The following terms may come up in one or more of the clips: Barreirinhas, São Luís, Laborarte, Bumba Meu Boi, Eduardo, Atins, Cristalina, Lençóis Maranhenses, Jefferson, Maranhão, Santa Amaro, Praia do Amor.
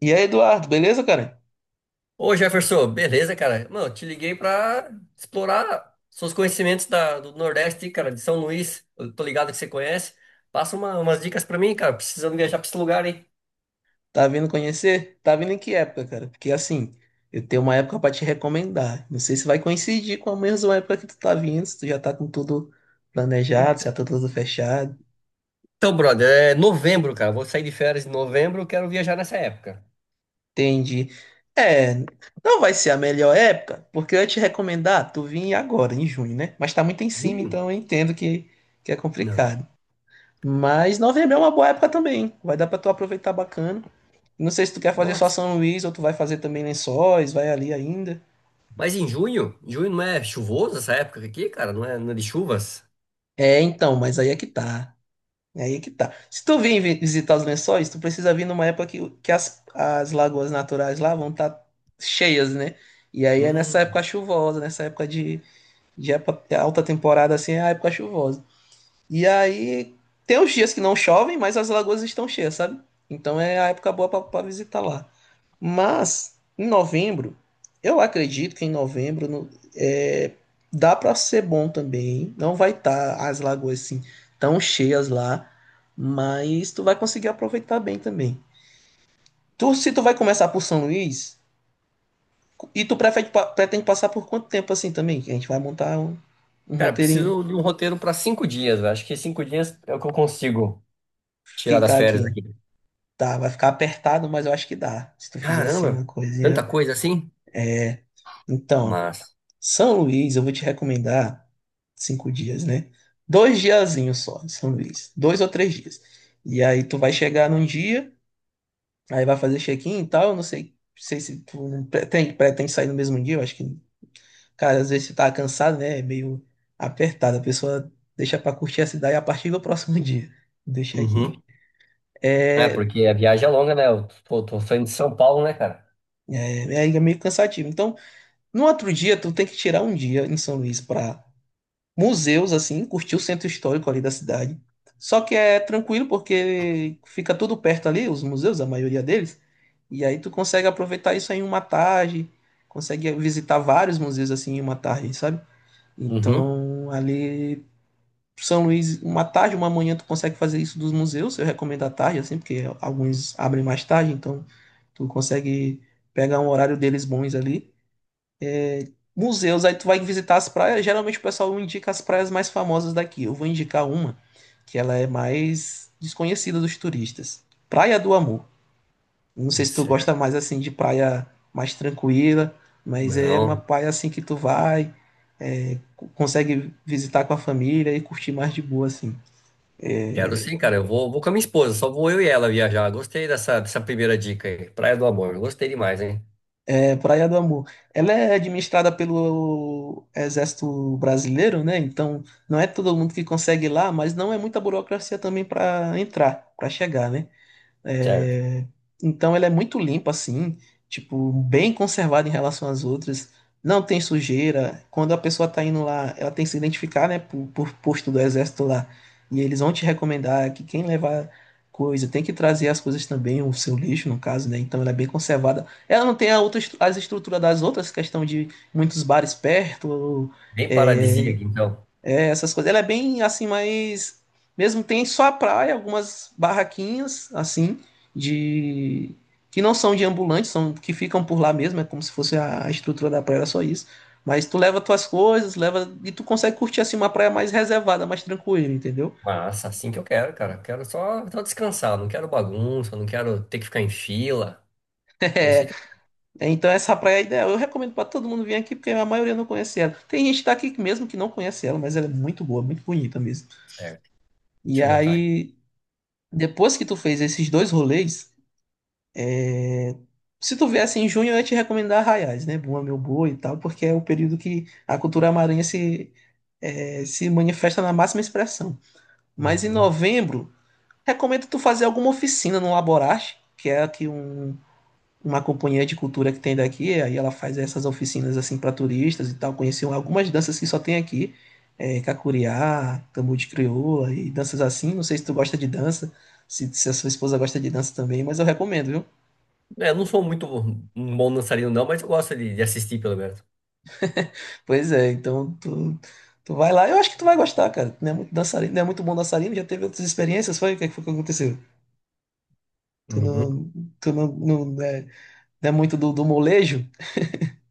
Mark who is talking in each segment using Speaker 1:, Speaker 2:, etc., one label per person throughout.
Speaker 1: E aí, Eduardo, beleza, cara?
Speaker 2: Ô Jefferson, beleza, cara? Mano, te liguei pra explorar seus conhecimentos do Nordeste, cara, de São Luís. Eu tô ligado que você conhece. Passa umas dicas pra mim, cara. Precisando viajar pra esse lugar, hein?
Speaker 1: Tá vindo conhecer? Tá vindo em que época, cara? Porque assim, eu tenho uma época pra te recomendar. Não sei se vai coincidir com a mesma época que tu tá vindo, se tu já tá com tudo planejado, se já tá tudo fechado.
Speaker 2: Então, brother, é novembro, cara. Vou sair de férias em novembro, quero viajar nessa época.
Speaker 1: Entendi. É, não vai ser a melhor época, porque eu ia te recomendar tu vir agora, em junho, né? Mas tá muito em cima,
Speaker 2: Junho?
Speaker 1: então eu entendo que é
Speaker 2: Não.
Speaker 1: complicado. Mas novembro é uma boa época também, hein? Vai dar pra tu aproveitar bacana. Não sei se tu quer fazer só
Speaker 2: Nossa.
Speaker 1: São Luís ou tu vai fazer também Lençóis, vai ali ainda.
Speaker 2: Mas em junho? Junho não é chuvoso essa época aqui, cara? Não é de chuvas?
Speaker 1: É, então, mas aí é que tá. Aí é que tá. Se tu vir visitar os lençóis, tu precisa vir numa época que as lagoas naturais lá vão estar cheias, né? E aí é nessa
Speaker 2: Hum.
Speaker 1: época chuvosa, nessa época de alta temporada, assim, é a época chuvosa. E aí tem os dias que não chovem, mas as lagoas estão cheias, sabe? Então é a época boa pra visitar lá. Mas em novembro, eu acredito que em novembro é, dá para ser bom também. Não vai estar as lagoas assim tão cheias lá, mas tu vai conseguir aproveitar bem também. Tu, se tu vai começar por São Luís, e tu prefere, pretende passar por quanto tempo assim também? Que a gente vai montar um
Speaker 2: Cara,
Speaker 1: roteirinho,
Speaker 2: preciso de um roteiro pra 5 dias, velho. Acho que 5 dias é o que eu consigo tirar das
Speaker 1: ficar
Speaker 2: férias
Speaker 1: aqui.
Speaker 2: aqui.
Speaker 1: Tá, vai ficar apertado, mas eu acho que dá. Se tu fizer assim uma
Speaker 2: Caramba, tanta
Speaker 1: coisinha.
Speaker 2: coisa assim?
Speaker 1: É, então.
Speaker 2: Mas,
Speaker 1: São Luís, eu vou te recomendar 5 dias, né? Dois diazinhos só em São Luís. 2 ou 3 dias. E aí tu vai chegar num dia, aí vai fazer check-in e tal. Eu não sei, sei se tu não pretende sair no mesmo dia. Eu acho que, cara, às vezes você tá cansado, né? É meio apertado. A pessoa deixa pra curtir a cidade a partir do próximo dia. Deixa aqui.
Speaker 2: uhum. É,
Speaker 1: É,
Speaker 2: porque a viagem é longa, né? Eu tô saindo de São Paulo, né, cara?
Speaker 1: é, meio cansativo. Então, no outro dia, tu tem que tirar um dia em São Luís pra museus, assim, curtir o centro histórico ali da cidade. Só que é tranquilo porque fica tudo perto ali, os museus, a maioria deles, e aí tu consegue aproveitar isso aí em uma tarde, consegue visitar vários museus assim em uma tarde, sabe?
Speaker 2: Uhum.
Speaker 1: Então, ali São Luís, uma tarde, uma manhã tu consegue fazer isso dos museus, eu recomendo à tarde assim, porque alguns abrem mais tarde, então tu consegue pegar um horário deles bons ali museus, aí tu vai visitar as praias. Geralmente o pessoal indica as praias mais famosas daqui. Eu vou indicar uma que ela é mais desconhecida dos turistas. Praia do Amor. Não sei se tu gosta
Speaker 2: Certo.
Speaker 1: mais assim de praia mais tranquila, mas é uma
Speaker 2: Não,
Speaker 1: praia assim que tu vai, consegue visitar com a família e curtir mais de boa assim.
Speaker 2: quero
Speaker 1: É,
Speaker 2: sim, cara. Eu vou, com a minha esposa, só vou eu e ela viajar. Gostei dessa primeira dica aí. Praia do Amor, gostei demais, hein?
Speaker 1: é, Praia do Amor. Ela é administrada pelo Exército Brasileiro, né? Então, não é todo mundo que consegue ir lá, mas não é muita burocracia também para entrar, para chegar, né?
Speaker 2: Certo.
Speaker 1: É, então ela é muito limpa assim, tipo, bem conservada em relação às outras. Não tem sujeira. Quando a pessoa tá indo lá, ela tem que se identificar, né, por posto do exército lá. E eles vão te recomendar que quem levar coisa tem que trazer as coisas também, o seu lixo, no caso, né? Então ela é bem conservada. Ela não tem a outra, as estruturas das outras, questão de muitos bares perto,
Speaker 2: Bem
Speaker 1: é,
Speaker 2: paradisíaco, então.
Speaker 1: essas coisas. Ela é bem assim, mas mesmo tem só a praia, algumas barraquinhas assim de que não são de ambulantes, são que ficam por lá mesmo, é como se fosse a estrutura da praia, era só isso. Mas tu leva tuas coisas, leva e tu consegue curtir assim uma praia mais reservada, mais tranquila, entendeu?
Speaker 2: Massa, assim que eu quero, cara. Quero só descansar, não quero bagunça, não quero ter que ficar em fila. É
Speaker 1: É,
Speaker 2: isso aí que eu...
Speaker 1: é, então essa praia é ideal. Eu recomendo para todo mundo vir aqui porque a maioria não conhece ela. Tem gente daqui mesmo que não conhece ela, mas ela é muito boa, muito bonita mesmo.
Speaker 2: Certo,
Speaker 1: E
Speaker 2: deixa eu anotar aqui.
Speaker 1: aí depois que tu fez esses dois rolês, se tu viesse em junho, eu ia te recomendar Arraiais, né? Bumba Meu Boi e tal, porque é o período que a cultura maranhense, se manifesta na máxima expressão. Mas em
Speaker 2: Uhum.
Speaker 1: novembro, recomendo tu fazer alguma oficina no Laborarte, que é aqui uma companhia de cultura que tem daqui, aí ela faz essas oficinas assim para turistas e tal, conhecer algumas danças que só tem aqui, cacuriá, tambor de crioula e danças assim. Não sei se tu gosta de dança, se a sua esposa gosta de dança também, mas eu recomendo, viu?
Speaker 2: É, eu não sou muito um bom dançarino, não, mas eu gosto de assistir, pelo menos.
Speaker 1: Pois é, então tu, tu vai lá. Eu acho que tu vai gostar, cara. Tu não é muito dançarino, não é muito bom dançarino, já teve outras experiências, foi? O que foi que aconteceu? Tu
Speaker 2: Uhum.
Speaker 1: não, tu não, não, é, não é muito do molejo?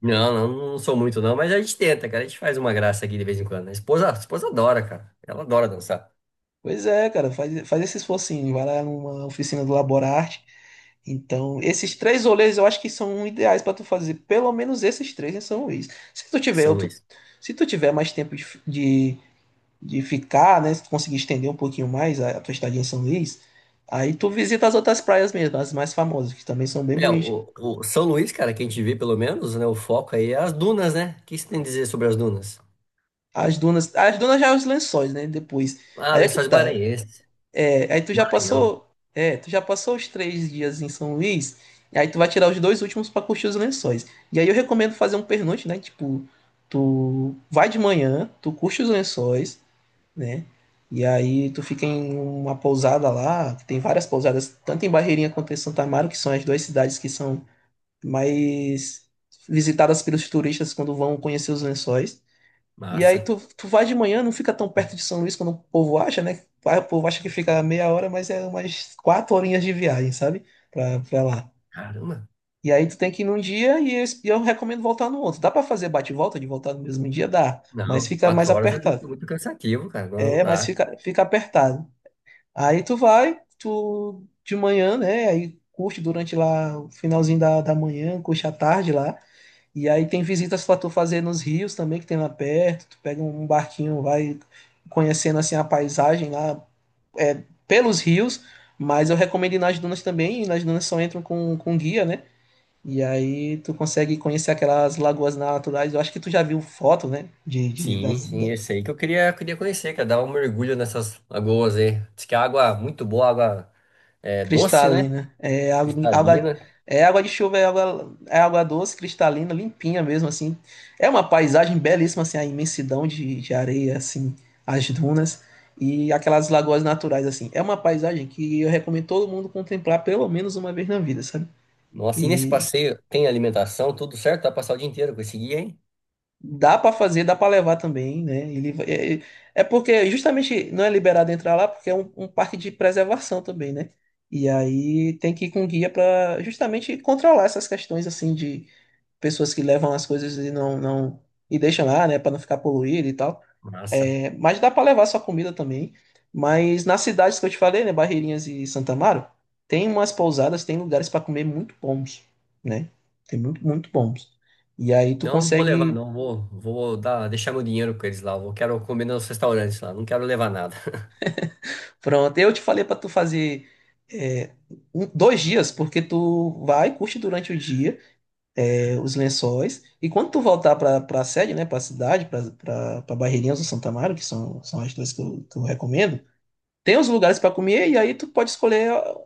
Speaker 2: Não sou muito não, mas a gente tenta, cara. A gente faz uma graça aqui de vez em quando, né? A esposa adora, cara. Ela adora dançar.
Speaker 1: Pois é, cara, faz, faz esse esforcinho, vai lá numa oficina do Laborarte. Então, esses três rolês eu acho que são ideais pra tu fazer, pelo menos esses três em São Luís. Se tu tiver
Speaker 2: São
Speaker 1: outro,
Speaker 2: Luís.
Speaker 1: se tu tiver mais tempo de, de ficar, né? Se tu conseguir estender um pouquinho mais a tua estadia em São Luís, aí tu visita as outras praias mesmo, as mais famosas, que também são bem
Speaker 2: É,
Speaker 1: bonitas.
Speaker 2: o São Luís, cara, que a gente vê pelo menos, né? O foco aí é as dunas, né? O que você tem a dizer sobre as dunas?
Speaker 1: As dunas já é os lençóis, né? Depois.
Speaker 2: Ah,
Speaker 1: Aí é que
Speaker 2: Lençóis
Speaker 1: tá.
Speaker 2: Maranhenses,
Speaker 1: É, aí tu já
Speaker 2: Maranhão.
Speaker 1: passou, é, tu já passou os 3 dias em São Luís, e aí tu vai tirar os dois últimos pra curtir os lençóis. E aí eu recomendo fazer um pernoite, né? Tipo, tu vai de manhã, tu curte os lençóis, né? E aí tu fica em uma pousada lá, que tem várias pousadas, tanto em Barreirinha quanto em Santa Amaro, que são as duas cidades que são mais visitadas pelos turistas quando vão conhecer os lençóis. E aí
Speaker 2: Massa.
Speaker 1: tu, tu vai de manhã, não fica tão perto de São Luís quando o povo acha, né? Ah, o povo acha que fica meia hora, mas é umas quatro horinhas de viagem, sabe? Pra lá.
Speaker 2: Caramba.
Speaker 1: E aí tu tem que ir num dia e eu recomendo voltar no outro. Dá pra fazer bate e volta de voltar no mesmo dia? Dá. Mas
Speaker 2: Não,
Speaker 1: fica mais
Speaker 2: 4 horas é
Speaker 1: apertado.
Speaker 2: muito, muito cansativo, cara. Não, não
Speaker 1: É, mas
Speaker 2: dá.
Speaker 1: fica, fica apertado. Aí tu vai, tu de manhã, né? Aí curte durante lá o finalzinho da manhã, curte à tarde lá. E aí tem visitas pra tu fazer nos rios também, que tem lá perto. Tu pega um barquinho, vai conhecendo assim a paisagem lá, é, pelos rios. Mas eu recomendo ir nas dunas também, e nas dunas só entram com guia, né? E aí tu consegue conhecer aquelas lagoas naturais. Eu acho que tu já viu foto, né?
Speaker 2: Sim, sim, esse aí que eu queria conhecer, cara. Dar um mergulho nessas lagoas aí. Diz que a água é muito boa, água é, doce, né?
Speaker 1: Cristalina. É
Speaker 2: Cristalina.
Speaker 1: é água de chuva, é água doce, cristalina, limpinha mesmo, assim. É uma paisagem belíssima, assim, a imensidão de areia, assim, as dunas e aquelas lagoas naturais, assim. É uma paisagem que eu recomendo todo mundo contemplar pelo menos uma vez na vida, sabe?
Speaker 2: Nossa, e nesse
Speaker 1: E
Speaker 2: passeio tem alimentação, tudo certo? Vai passar o dia inteiro com esse guia, hein?
Speaker 1: dá pra fazer, dá pra levar também, né? Ele, porque justamente não é liberado entrar lá porque é um parque de preservação também, né? E aí tem que ir com guia pra justamente controlar essas questões assim de pessoas que levam as coisas e não, não e deixam lá, né? Pra não ficar poluído e tal.
Speaker 2: Massa.
Speaker 1: É, mas dá pra levar sua comida também. Mas nas cidades que eu te falei, né? Barreirinhas e Santa Amaro, tem umas pousadas, tem lugares pra comer muito bons, né? Tem muito, muito bons. E aí tu
Speaker 2: Não, não vou levar,
Speaker 1: consegue.
Speaker 2: não. Vou dar, deixar meu dinheiro com eles lá. Eu quero comer nos restaurantes lá. Não quero levar nada.
Speaker 1: Pronto, eu te falei para tu fazer, é, 2 dias, porque tu vai, curte durante o dia, é, os lençóis, e quando tu voltar para a sede, né, para a cidade, para pra Barreirinhas do Santo Amaro, que são, são as duas que eu recomendo, tem os lugares para comer e aí tu pode escolher ó,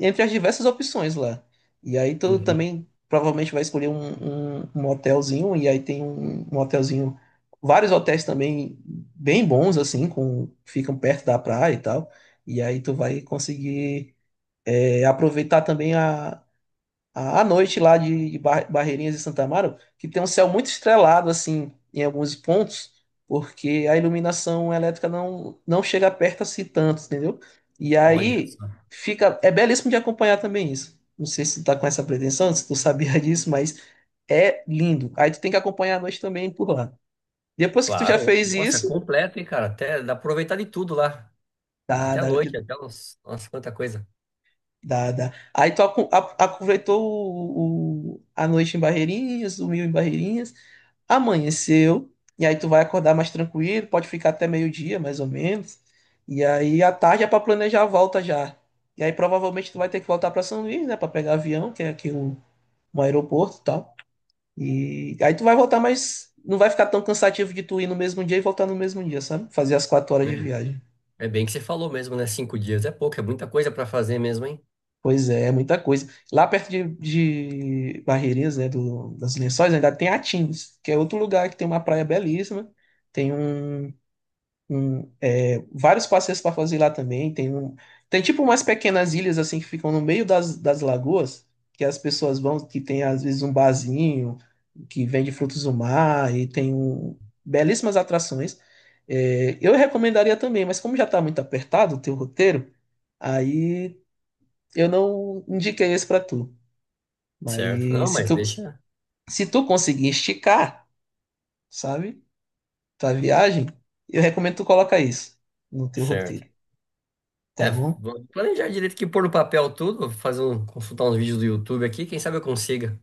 Speaker 1: entre as diversas opções lá. E aí tu
Speaker 2: Uhum.
Speaker 1: também provavelmente vai escolher um hotelzinho e aí tem um hotelzinho, vários hotéis também bem bons assim, com ficam perto da praia e tal. E aí tu vai conseguir, é, aproveitar também a à noite lá de Bar- Barreirinhas e Santa Amaro, que tem um céu muito estrelado, assim, em alguns pontos, porque a iluminação elétrica não, não chega perto assim tanto, entendeu? E
Speaker 2: Olha
Speaker 1: aí
Speaker 2: só.
Speaker 1: fica, é belíssimo de acompanhar também isso. Não sei se tu tá com essa pretensão, se tu sabia disso, mas é lindo. Aí tu tem que acompanhar à noite também por lá. Depois que tu já
Speaker 2: Claro.
Speaker 1: fez
Speaker 2: Nossa, é
Speaker 1: isso,
Speaker 2: completo, hein, cara? Até dá pra aproveitar de tudo lá.
Speaker 1: dá,
Speaker 2: Até a
Speaker 1: dá,
Speaker 2: noite, até uns... Nossa, quanta coisa.
Speaker 1: dá, dá. Aí tu aproveitou a noite em Barreirinhas, dormiu em Barreirinhas, amanheceu, e aí tu vai acordar mais tranquilo, pode ficar até meio-dia, mais ou menos. E aí à tarde é pra planejar a volta já. E aí provavelmente tu vai ter que voltar pra São Luís, né, pra pegar avião, que é aqui um aeroporto e tal. E aí tu vai voltar, mas não vai ficar tão cansativo de tu ir no mesmo dia e voltar no mesmo dia, sabe? Fazer as 4 horas de viagem.
Speaker 2: É, é bem que você falou mesmo, né? Cinco dias é pouco, é muita coisa pra fazer mesmo, hein?
Speaker 1: Pois é, é muita coisa. Lá perto de Barreirinhas, né, do, das Lençóis, ainda tem Atins, que é outro lugar que tem uma praia belíssima, tem é, vários passeios para fazer lá também. Tem, um, tem tipo umas pequenas ilhas assim que ficam no meio das lagoas, que as pessoas vão, que tem às vezes um barzinho que vende frutos do mar e tem um, belíssimas atrações. É, eu recomendaria também, mas como já está muito apertado o teu roteiro, aí eu não indiquei esse para tu.
Speaker 2: Certo. Não,
Speaker 1: Mas se
Speaker 2: mas
Speaker 1: tu,
Speaker 2: deixa.
Speaker 1: se tu conseguir esticar, sabe, tua viagem, eu recomendo tu colocar isso no teu
Speaker 2: Certo.
Speaker 1: roteiro, tá
Speaker 2: É,
Speaker 1: bom?
Speaker 2: vou planejar direito que pôr no papel tudo, vou fazer um, consultar uns vídeos do YouTube aqui, quem sabe eu consiga.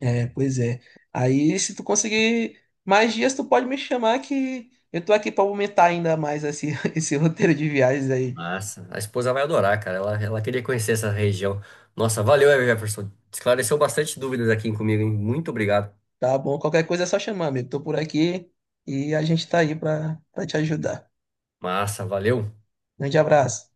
Speaker 1: É, pois é. Aí, se tu conseguir mais dias, tu pode me chamar que eu tô aqui pra aumentar ainda mais esse, esse roteiro de viagens aí.
Speaker 2: Massa, a esposa vai adorar, cara. Ela queria conhecer essa região. Nossa, valeu, Jefferson. Esclareceu bastante dúvidas aqui comigo, hein? Muito obrigado.
Speaker 1: Tá bom? Qualquer coisa é só chamar, amigo. Tô por aqui e a gente tá aí pra, pra te ajudar.
Speaker 2: Massa, valeu.
Speaker 1: Grande abraço.